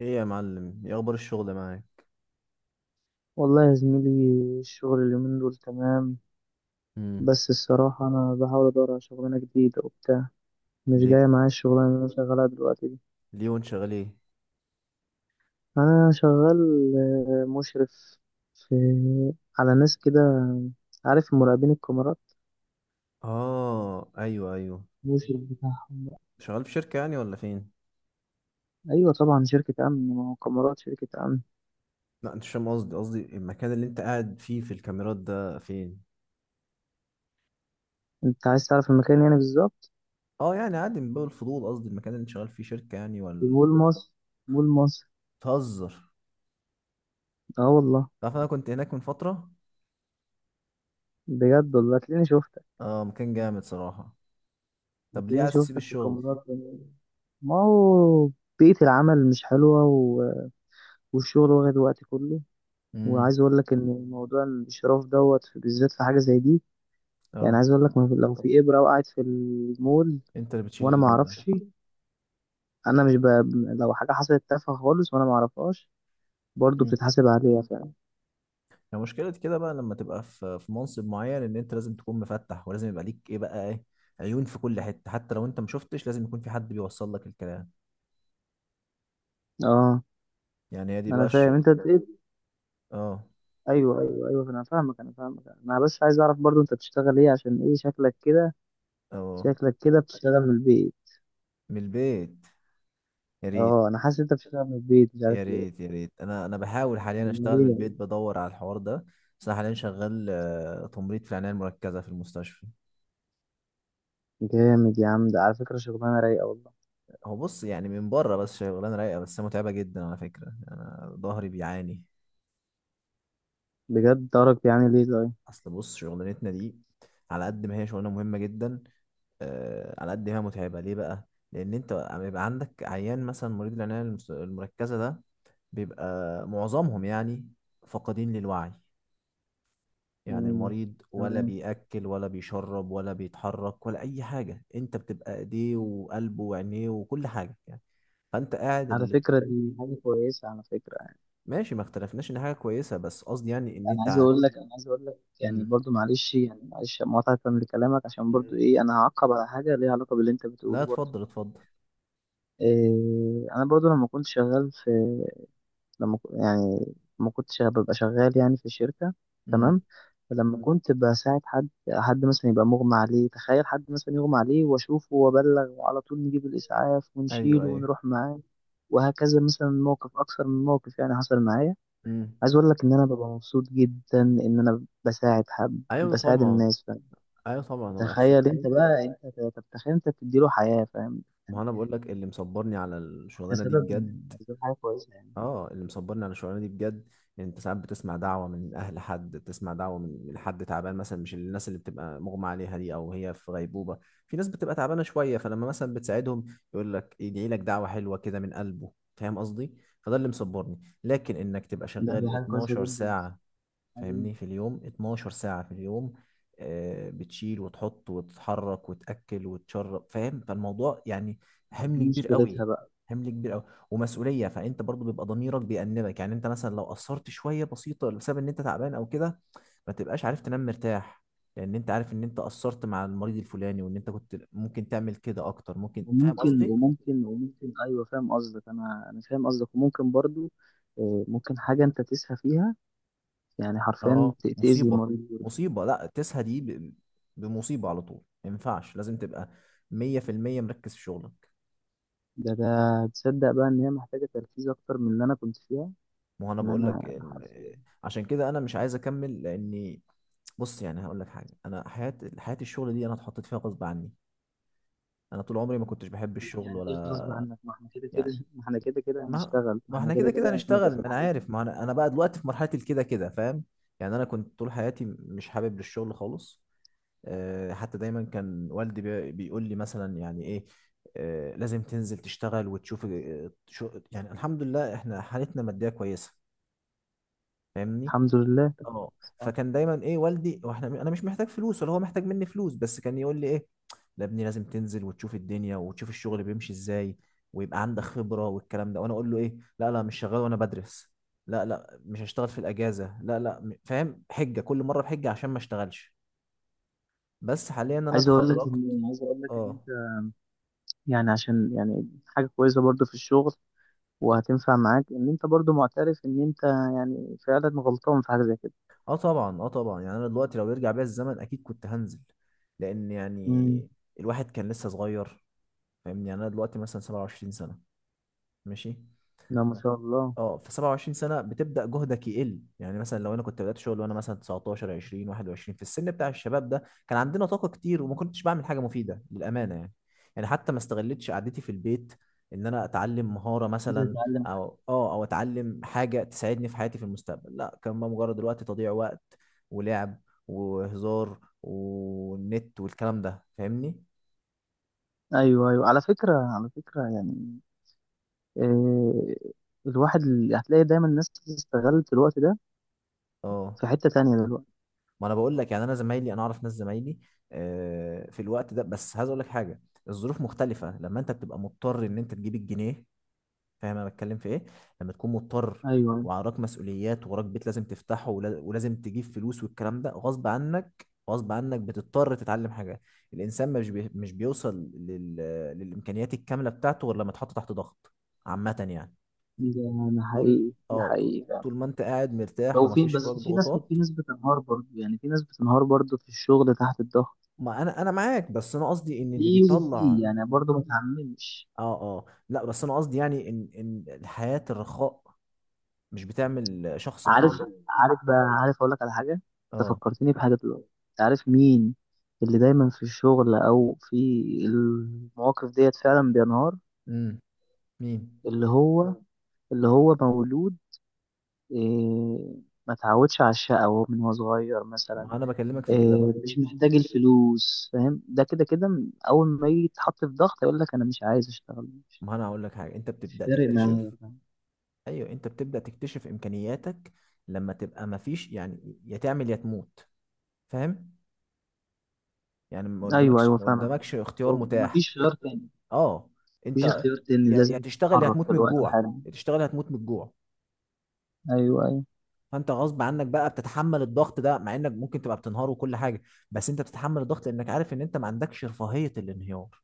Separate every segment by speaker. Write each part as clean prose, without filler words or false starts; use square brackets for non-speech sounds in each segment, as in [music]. Speaker 1: ايه يا معلم، ايه اخبار الشغل معاك؟
Speaker 2: والله يا زميلي، الشغل اليومين دول تمام.
Speaker 1: امم.
Speaker 2: بس الصراحة أنا بحاول أدور على شغلانة جديدة وبتاع. مش
Speaker 1: ليه؟
Speaker 2: جاية معايا الشغلانة اللي أنا شغالها دلوقتي دي.
Speaker 1: ليه وانت شغال ايه؟
Speaker 2: أنا شغال مشرف في على ناس كده، عارف، مراقبين الكاميرات،
Speaker 1: اه ايوه ايوه.
Speaker 2: مشرف بتاعهم.
Speaker 1: شغال في شركة يعني ولا فين؟
Speaker 2: أيوة طبعا، شركة أمن، ما هو كاميرات شركة أمن.
Speaker 1: لا انت مش فاهم قصدي، قصدي المكان اللي انت قاعد فيه في الكاميرات ده فين؟
Speaker 2: أنت عايز تعرف المكان يعني بالظبط؟
Speaker 1: اه يعني عادي من باب الفضول، قصدي المكان اللي انت شغال فيه شركة يعني
Speaker 2: في
Speaker 1: ولا...
Speaker 2: مول مصر. مول مصر.
Speaker 1: تهزر؟
Speaker 2: أه والله.
Speaker 1: تعرف انا كنت هناك من فترة.
Speaker 2: بجد والله هتلاقيني شفتك.
Speaker 1: اه مكان جامد صراحة. طب ليه
Speaker 2: هتلاقيني
Speaker 1: عايز تسيب
Speaker 2: شفتك في
Speaker 1: الشغل؟
Speaker 2: الكاميرات. ما هو بيئة العمل مش حلوة والشغل واخد وقتي كله.
Speaker 1: امم.
Speaker 2: وعايز أقول لك إن موضوع الانشراف دوت بالذات في حاجة زي دي. يعني
Speaker 1: اه
Speaker 2: عايز أقول لك، ما في- لو في إبرة وقعت في المول
Speaker 1: انت اللي بتشيل
Speaker 2: وأنا ما
Speaker 1: الليلة.
Speaker 2: أعرفش. أنا مش ب... لو حاجة حصلت تافهة خالص وأنا ما أعرفهاش، برضه بتتحاسب عليها فعلا.
Speaker 1: هي مشكلة كده بقى، لما تبقى في منصب معين ان انت لازم تكون مفتح، ولازم يبقى ليك ايه بقى ايه، عيون في كل حتة، حتى لو انت ما شفتش لازم يكون في حد بيوصل لك الكلام.
Speaker 2: أه،
Speaker 1: يعني هي دي بقى
Speaker 2: أنا
Speaker 1: الش...
Speaker 2: فاهم أنت إيه.
Speaker 1: اه.
Speaker 2: أيوه أيوه أيوه، أنا فاهمك، أنا فاهمك. أنا بس عايز أعرف برضه أنت بتشتغل إيه، عشان إيه شكلك كده.
Speaker 1: اه
Speaker 2: شكلك كده بتشتغل من البيت.
Speaker 1: من البيت، يا ريت.
Speaker 2: أه، أنا حاسس أنت بتشتغل من البيت، مش عارف
Speaker 1: يا
Speaker 2: ليه.
Speaker 1: ريت يا ريت، انا بحاول حاليا
Speaker 2: أمال
Speaker 1: اشتغل من
Speaker 2: إيه
Speaker 1: البيت،
Speaker 2: يعني؟
Speaker 1: بدور على الحوار ده. بس انا حاليا شغال، تمريض في العناية المركزة في المستشفى.
Speaker 2: جامد يا عم، ده على فكرة شغلانة رايقة والله.
Speaker 1: هو بص، يعني من بره بس شغلانة رايقة، بس هي متعبة جدا على فكرة، يعني انا ظهري بيعاني.
Speaker 2: بجد درجة يعني ليه ده؟
Speaker 1: اصل بص شغلانتنا دي، على قد ما هي شغلانة مهمة جدا، على قد ما هي متعبة. ليه بقى؟ لأن أنت بيبقى عندك عيان مثلا، مريض العناية المركزة ده، بيبقى معظمهم يعني فاقدين للوعي. يعني
Speaker 2: مم.
Speaker 1: المريض ولا
Speaker 2: تمام.
Speaker 1: بيأكل ولا بيشرب ولا بيتحرك ولا أي حاجة، أنت بتبقى إيديه وقلبه وعينيه وكل حاجة يعني. فأنت قاعد
Speaker 2: على
Speaker 1: اللي...
Speaker 2: فكرة دي حاجة كويسة على فكرة يعني.
Speaker 1: ماشي، ما اختلفناش إن حاجة كويسة، بس قصدي يعني إن
Speaker 2: أنا
Speaker 1: أنت
Speaker 2: عايز
Speaker 1: ع-.
Speaker 2: أقول لك، أنا عايز أقول لك يعني
Speaker 1: مم.
Speaker 2: برضو، معلش يعني، معلش مقاطعة لكلامك، عشان برضو
Speaker 1: مم.
Speaker 2: إيه، أنا هعقب على حاجة ليها علاقة باللي أنت
Speaker 1: لا
Speaker 2: بتقوله برضو.
Speaker 1: اتفضل اتفضل.
Speaker 2: إيه، أنا برضو لما كنت شغال في، يعني ما كنتش ببقى شغال يعني في الشركة.
Speaker 1: امم.
Speaker 2: تمام. فلما كنت بساعد حد، مثلا يبقى مغمى عليه، تخيل حد مثلا يغمى عليه، واشوفه وابلغ وعلى طول نجيب الاسعاف
Speaker 1: ايوه
Speaker 2: ونشيله
Speaker 1: ايوه.
Speaker 2: ونروح معاه، وهكذا. مثلا موقف اكثر من موقف يعني حصل معايا.
Speaker 1: امم.
Speaker 2: عايز اقول لك ان انا ببقى مبسوط جدا ان انا بساعد حد،
Speaker 1: ايوه
Speaker 2: بساعد
Speaker 1: طبعا.
Speaker 2: الناس، فاهم.
Speaker 1: ايوه طبعا، هو إحساس.
Speaker 2: تخيل انت بقى، تتخيل انت بتديله حياة، فاهم
Speaker 1: ما
Speaker 2: يعني.
Speaker 1: هو انا بقول لك اللي مصبرني على
Speaker 2: ده
Speaker 1: الشغلانه دي
Speaker 2: سبب
Speaker 1: بجد.
Speaker 2: من أسباب حاجة كويسة يعني.
Speaker 1: اه اللي مصبرني على الشغلانه دي بجد، يعني انت ساعات بتسمع دعوه من اهل حد، بتسمع دعوه من حد تعبان مثلا، مش الناس اللي بتبقى مغمى عليها دي او هي في غيبوبه، في ناس بتبقى تعبانه شويه، فلما مثلا بتساعدهم يقول لك يدعي لك دعوه حلوه كده من قلبه، فاهم قصدي؟ فده اللي مصبرني، لكن انك تبقى
Speaker 2: دي
Speaker 1: شغال
Speaker 2: حاجة كويسة
Speaker 1: 12 ساعه،
Speaker 2: جدا.
Speaker 1: فاهمني، في اليوم 12 ساعة في اليوم، بتشيل وتحط وتتحرك وتأكل وتشرب، فاهم؟ فالموضوع يعني
Speaker 2: دي
Speaker 1: حمل كبير قوي،
Speaker 2: مشكلتها بقى.
Speaker 1: حمل كبير قوي، ومسؤولية. فأنت برضو بيبقى ضميرك بيأنبك، يعني أنت مثلا لو قصرت شوية بسيطة بسبب إن أنت تعبان أو كده، ما تبقاش عارف تنام مرتاح، لأن أنت عارف إن أنت قصرت مع المريض الفلاني، وإن أنت كنت ممكن تعمل كده أكتر ممكن، فاهم
Speaker 2: وممكن،
Speaker 1: قصدي؟
Speaker 2: وممكن، وممكن، ايوه فاهم قصدك. انا فاهم قصدك وممكن برضو. ممكن حاجه انت تسهى فيها، يعني حرفيا
Speaker 1: اه
Speaker 2: تاذي
Speaker 1: مصيبة.
Speaker 2: المريض برضو.
Speaker 1: مصيبة، لا تسهى دي بمصيبة على طول. ما ينفعش، لازم تبقى مية في المية مركز في شغلك.
Speaker 2: ده تصدق بقى ان هي محتاجه تركيز اكتر من اللي انا كنت فيها،
Speaker 1: ما هو انا
Speaker 2: ان
Speaker 1: بقول لك
Speaker 2: انا
Speaker 1: ال...
Speaker 2: حرفيا.
Speaker 1: عشان كده انا مش عايز اكمل لاني... بص يعني هقول لك حاجة، انا حياة الشغل دي انا اتحطيت فيها غصب عني، انا طول عمري ما كنتش بحب الشغل
Speaker 2: يعني ايه غصب
Speaker 1: ولا...
Speaker 2: عنك؟ ما احنا كده كده
Speaker 1: يعني
Speaker 2: [laughs] ما احنا كده كده
Speaker 1: ما،
Speaker 2: هنشتغل، ما
Speaker 1: ما
Speaker 2: احنا
Speaker 1: احنا
Speaker 2: كده
Speaker 1: كده كده
Speaker 2: كده هنبقى
Speaker 1: هنشتغل،
Speaker 2: في
Speaker 1: ما انا
Speaker 2: الحياه.
Speaker 1: عارف، ما انا بقى دلوقتي في مرحلة الكده كده، فاهم؟ يعني انا كنت طول حياتي مش حابب للشغل خالص، حتى دايما كان والدي بيقول لي مثلا يعني ايه، لازم تنزل تشتغل وتشوف، شو يعني، الحمد لله احنا حالتنا مادية كويسة، فاهمني؟
Speaker 2: الحمد لله.
Speaker 1: اه.
Speaker 2: صح.
Speaker 1: فكان دايما ايه والدي، واحنا انا مش محتاج فلوس ولا هو محتاج مني فلوس، بس كان يقول لي ايه، لا ابني لازم تنزل وتشوف الدنيا وتشوف الشغل بيمشي ازاي، ويبقى عندك خبرة والكلام ده، وانا اقول له ايه، لا لا مش شغال وانا بدرس، لا لا مش هشتغل في الاجازة، لا لا فاهم، حجة كل مرة بحجة عشان ما اشتغلش. بس حاليا انا
Speaker 2: عايز اقول لك
Speaker 1: اتخرجت.
Speaker 2: ان، عايز اقول لك ان انت،
Speaker 1: اه.
Speaker 2: يعني عشان يعني حاجه كويسه برضو في الشغل وهتنفع معاك، ان انت برضو معترف ان انت يعني فعلا غلطان في حاجه زي كده.
Speaker 1: اه طبعا، اه طبعا يعني انا دلوقتي لو يرجع بيا الزمن اكيد كنت هنزل، لان
Speaker 2: امم.
Speaker 1: يعني الواحد كان لسه صغير، فاهمني؟ يعني انا دلوقتي مثلا 27 سنة، ماشي.
Speaker 2: لا ما شاء الله.
Speaker 1: اه في 27 سنه بتبدا جهدك يقل، يعني مثلا لو انا كنت بدات شغل وانا مثلا 19 20 21 في السن بتاع الشباب ده، كان عندنا طاقه كتير وما كنتش بعمل حاجه مفيده للامانه يعني، يعني حتى ما استغلتش قعدتي في البيت ان انا اتعلم مهاره
Speaker 2: انزل
Speaker 1: مثلا،
Speaker 2: اتعلم.
Speaker 1: او اه او اتعلم حاجه تساعدني في حياتي في المستقبل، لا كان بقى مجرد الوقت تضييع وقت، ولعب، وهزار، والنت والكلام ده، فاهمني؟
Speaker 2: ايوه ايوه، على فكره، على فكره يعني إيه، هتلاقي دايما الناس استغلت الوقت ده
Speaker 1: اه.
Speaker 2: في حته تانية دلوقتي.
Speaker 1: ما انا بقول لك يعني انا زمايلي، انا اعرف ناس زمايلي في الوقت ده، بس عايز اقول لك حاجه، الظروف مختلفه لما انت بتبقى مضطر ان انت تجيب الجنيه، فاهم انا بتكلم في ايه؟ لما تكون مضطر
Speaker 2: ايوه.
Speaker 1: وعراك مسؤوليات، وراك بيت لازم تفتحه، ولازم تجيب فلوس والكلام ده، غصب عنك غصب عنك بتضطر تتعلم حاجه، الانسان مش بي... مش بيوصل لل... للامكانيات الكامله بتاعته غير لما اتحط تحت ضغط عامه يعني.
Speaker 2: ده ده
Speaker 1: طول،
Speaker 2: حقيقي، ده
Speaker 1: اه طول،
Speaker 2: حقيقي فعلا.
Speaker 1: طول ما انت قاعد مرتاح
Speaker 2: لو في،
Speaker 1: ومفيش فوقك
Speaker 2: بس في ناس، في
Speaker 1: ضغوطات...
Speaker 2: ناس بتنهار برضه، يعني في ناس بتنهار برضو في الشغل تحت الضغط.
Speaker 1: ما انا معاك، بس انا قصدي ان اللي
Speaker 2: في وفي
Speaker 1: بيطلع...
Speaker 2: يعني، برضه ما تعممش.
Speaker 1: اه اه لا، بس انا قصدي يعني ان ان حياة الرخاء مش بتعمل شخص
Speaker 2: عارف،
Speaker 1: قوي.
Speaker 2: عارف بقى، عارف اقول لك على حاجه. انت
Speaker 1: اه.
Speaker 2: فكرتني بحاجه دلوقتي. انت عارف مين اللي دايما في الشغل او في المواقف ديت فعلا بينهار؟
Speaker 1: امم. مين؟
Speaker 2: اللي هو اللي هو مولود، إيه، ما اتعودش على الشقاوة من هو صغير مثلا،
Speaker 1: ما انا بكلمك في كده بقى.
Speaker 2: إيه، مش محتاج الفلوس، فاهم، ده كده كده. اول ما يجي يتحط في ضغط يقول لك انا مش عايز اشتغل، مش
Speaker 1: ما انا هقول لك حاجه، انت بتبدا
Speaker 2: فارق
Speaker 1: تكتشف...
Speaker 2: معايا.
Speaker 1: ايوه، انت بتبدا تكتشف امكانياتك لما تبقى ما فيش، يعني يا تعمل يا تموت، فاهم؟ يعني ما
Speaker 2: ايوه
Speaker 1: قدامكش،
Speaker 2: ايوه
Speaker 1: ما
Speaker 2: فاهم.
Speaker 1: قدامكش اختيار متاح.
Speaker 2: مفيش خيار تاني.
Speaker 1: اه.
Speaker 2: مفيش
Speaker 1: انت...
Speaker 2: اختيار تاني،
Speaker 1: يا
Speaker 2: لازم
Speaker 1: تشتغل يا
Speaker 2: تتحرك
Speaker 1: هتموت من
Speaker 2: دلوقتي
Speaker 1: الجوع،
Speaker 2: حالا.
Speaker 1: يا تشتغل يا هتموت من الجوع،
Speaker 2: ايوه ايوه.
Speaker 1: فانت غصب عنك بقى بتتحمل الضغط ده، مع انك ممكن تبقى بتنهار وكل حاجه، بس انت بتتحمل الضغط لانك عارف ان انت ما عندكش رفاهيه الانهيار،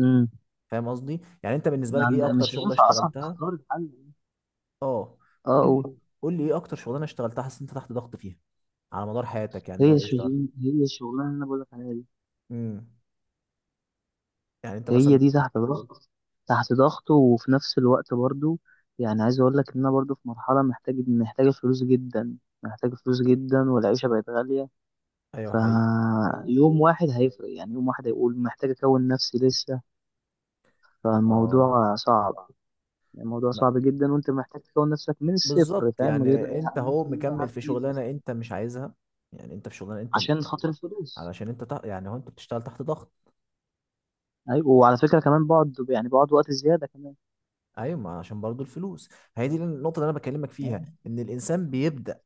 Speaker 2: امم.
Speaker 1: فاهم قصدي؟ يعني انت بالنسبه
Speaker 2: ما
Speaker 1: لك
Speaker 2: عند...
Speaker 1: ايه اكتر
Speaker 2: مش
Speaker 1: شغله
Speaker 2: هينفع اصلا
Speaker 1: اشتغلتها؟
Speaker 2: تختار الحل.
Speaker 1: اه
Speaker 2: اه
Speaker 1: قول لي،
Speaker 2: قول.
Speaker 1: قول لي ايه اكتر شغلانه اشتغلتها حاسس إن انت تحت ضغط فيها على مدار حياتك، يعني لو انت اشتغلت.
Speaker 2: هي الشغلانه اللي انا بقول لك عليها دي.
Speaker 1: امم. يعني انت
Speaker 2: هي
Speaker 1: مثلا...
Speaker 2: دي تحت ضغط. تحت ضغط، وفي نفس الوقت برضو يعني عايز اقول لك ان انا برضو في مرحله، محتاجه فلوس جدا، محتاجه فلوس جدا، والعيشه بقت غاليه.
Speaker 1: ايوه حقيقي. حقيقي.
Speaker 2: فيوم واحد هيفرق، يعني يوم واحد هيقول محتاج اكون نفسي لسه.
Speaker 1: اه.
Speaker 2: فالموضوع صعب. يعني الموضوع
Speaker 1: ما-
Speaker 2: صعب جدا، وانت محتاج تكون نفسك من
Speaker 1: بالظبط،
Speaker 2: الصفر، فاهم، غير
Speaker 1: يعني انت
Speaker 2: يعني
Speaker 1: هو
Speaker 2: ممكن مثلا،
Speaker 1: مكمل
Speaker 2: عارف
Speaker 1: في شغلانه انت مش عايزها، يعني انت في شغلانه انت...
Speaker 2: عشان خاطر الفلوس.
Speaker 1: علشان انت تح... يعني هو انت بتشتغل تحت ضغط.
Speaker 2: ايوه، وعلى فكره كمان بقعد، يعني بقعد وقت زياده كمان.
Speaker 1: ايوه، ما عشان برضو الفلوس. هي دي النقطه اللي انا بكلمك
Speaker 2: آه،
Speaker 1: فيها، ان الانسان بيبدا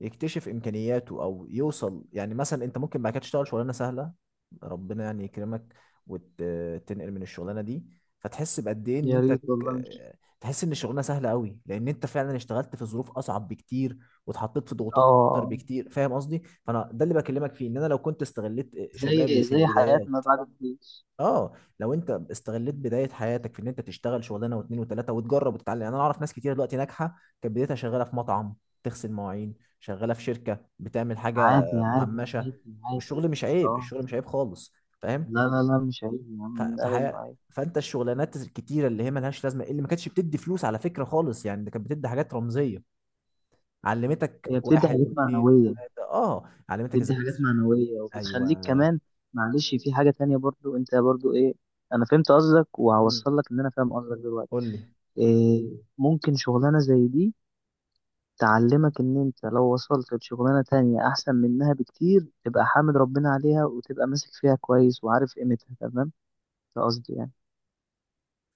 Speaker 1: يكتشف امكانياته او يوصل، يعني مثلا انت ممكن بعد كده تشتغل شغلانه سهله، ربنا يعني يكرمك، وتنقل من الشغلانه دي، فتحس بقد ايه ان
Speaker 2: يا
Speaker 1: انت
Speaker 2: ريت والله.
Speaker 1: تحس ان الشغلانه سهله قوي، لان انت فعلا اشتغلت في ظروف اصعب بكتير واتحطيت في ضغوطات اكتر
Speaker 2: اه،
Speaker 1: بكتير، فاهم قصدي؟ فانا ده اللي بكلمك فيه، ان انا لو كنت استغليت شبابي
Speaker 2: زي
Speaker 1: في
Speaker 2: زي
Speaker 1: البدايه.
Speaker 2: حياتنا بعد الجيش.
Speaker 1: اه. لو انت استغليت بدايه حياتك في ان انت تشتغل شغلانه واثنين وثلاثه وتجرب وتتعلم، يعني انا اعرف ناس كتير دلوقتي ناجحه كانت بدايتها شغاله في مطعم، تغسل مواعين، شغاله في شركه بتعمل حاجه مهمشه،
Speaker 2: عادي
Speaker 1: الشغل
Speaker 2: عادي.
Speaker 1: مش عيب،
Speaker 2: اه،
Speaker 1: الشغل مش عيب خالص، فاهم؟
Speaker 2: لا لا لا، مش عيب يا
Speaker 1: ف-
Speaker 2: عم، مين قال
Speaker 1: فحي...
Speaker 2: انه عيب؟
Speaker 1: فانت الشغلانات الكتيره اللي هي ملهاش لازمه، اللي ما كانتش بتدي فلوس على فكره خالص، يعني ده كانت بتدي حاجات رمزيه، علمتك
Speaker 2: هي بتدي
Speaker 1: واحد
Speaker 2: حاجات
Speaker 1: واثنين
Speaker 2: معنوية،
Speaker 1: وثلاثه، اه علمتك ازاي.
Speaker 2: بتدي حاجات معنوية وبتخليك
Speaker 1: ايوه.
Speaker 2: كمان، معلش، في حاجة تانية برضو، انت برضو ايه. انا فهمت قصدك،
Speaker 1: مم.
Speaker 2: وهوصل لك ان انا فاهم قصدك دلوقتي.
Speaker 1: قول لي.
Speaker 2: إيه، ممكن شغلانة زي دي تعلمك ان انت لو وصلت لشغلانة تانية احسن منها بكتير، تبقى حامد ربنا عليها، وتبقى ماسك فيها كويس وعارف قيمتها تمام. ده قصدي يعني.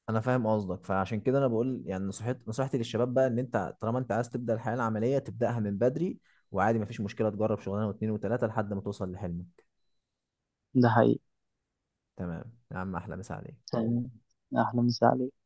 Speaker 1: انا فاهم قصدك، فعشان كده انا بقول يعني نصيحتي، نصيحتي للشباب بقى، ان انت طالما انت عايز تبدا الحياه العمليه تبداها من بدري، وعادي مفيش مشكله تجرب شغلانه واتنين وتلاته لحد ما توصل لحلمك.
Speaker 2: ده حقيقي.
Speaker 1: تمام يا عم، احلى مسا عليك.
Speaker 2: طب تمام، احلى مسا عليك.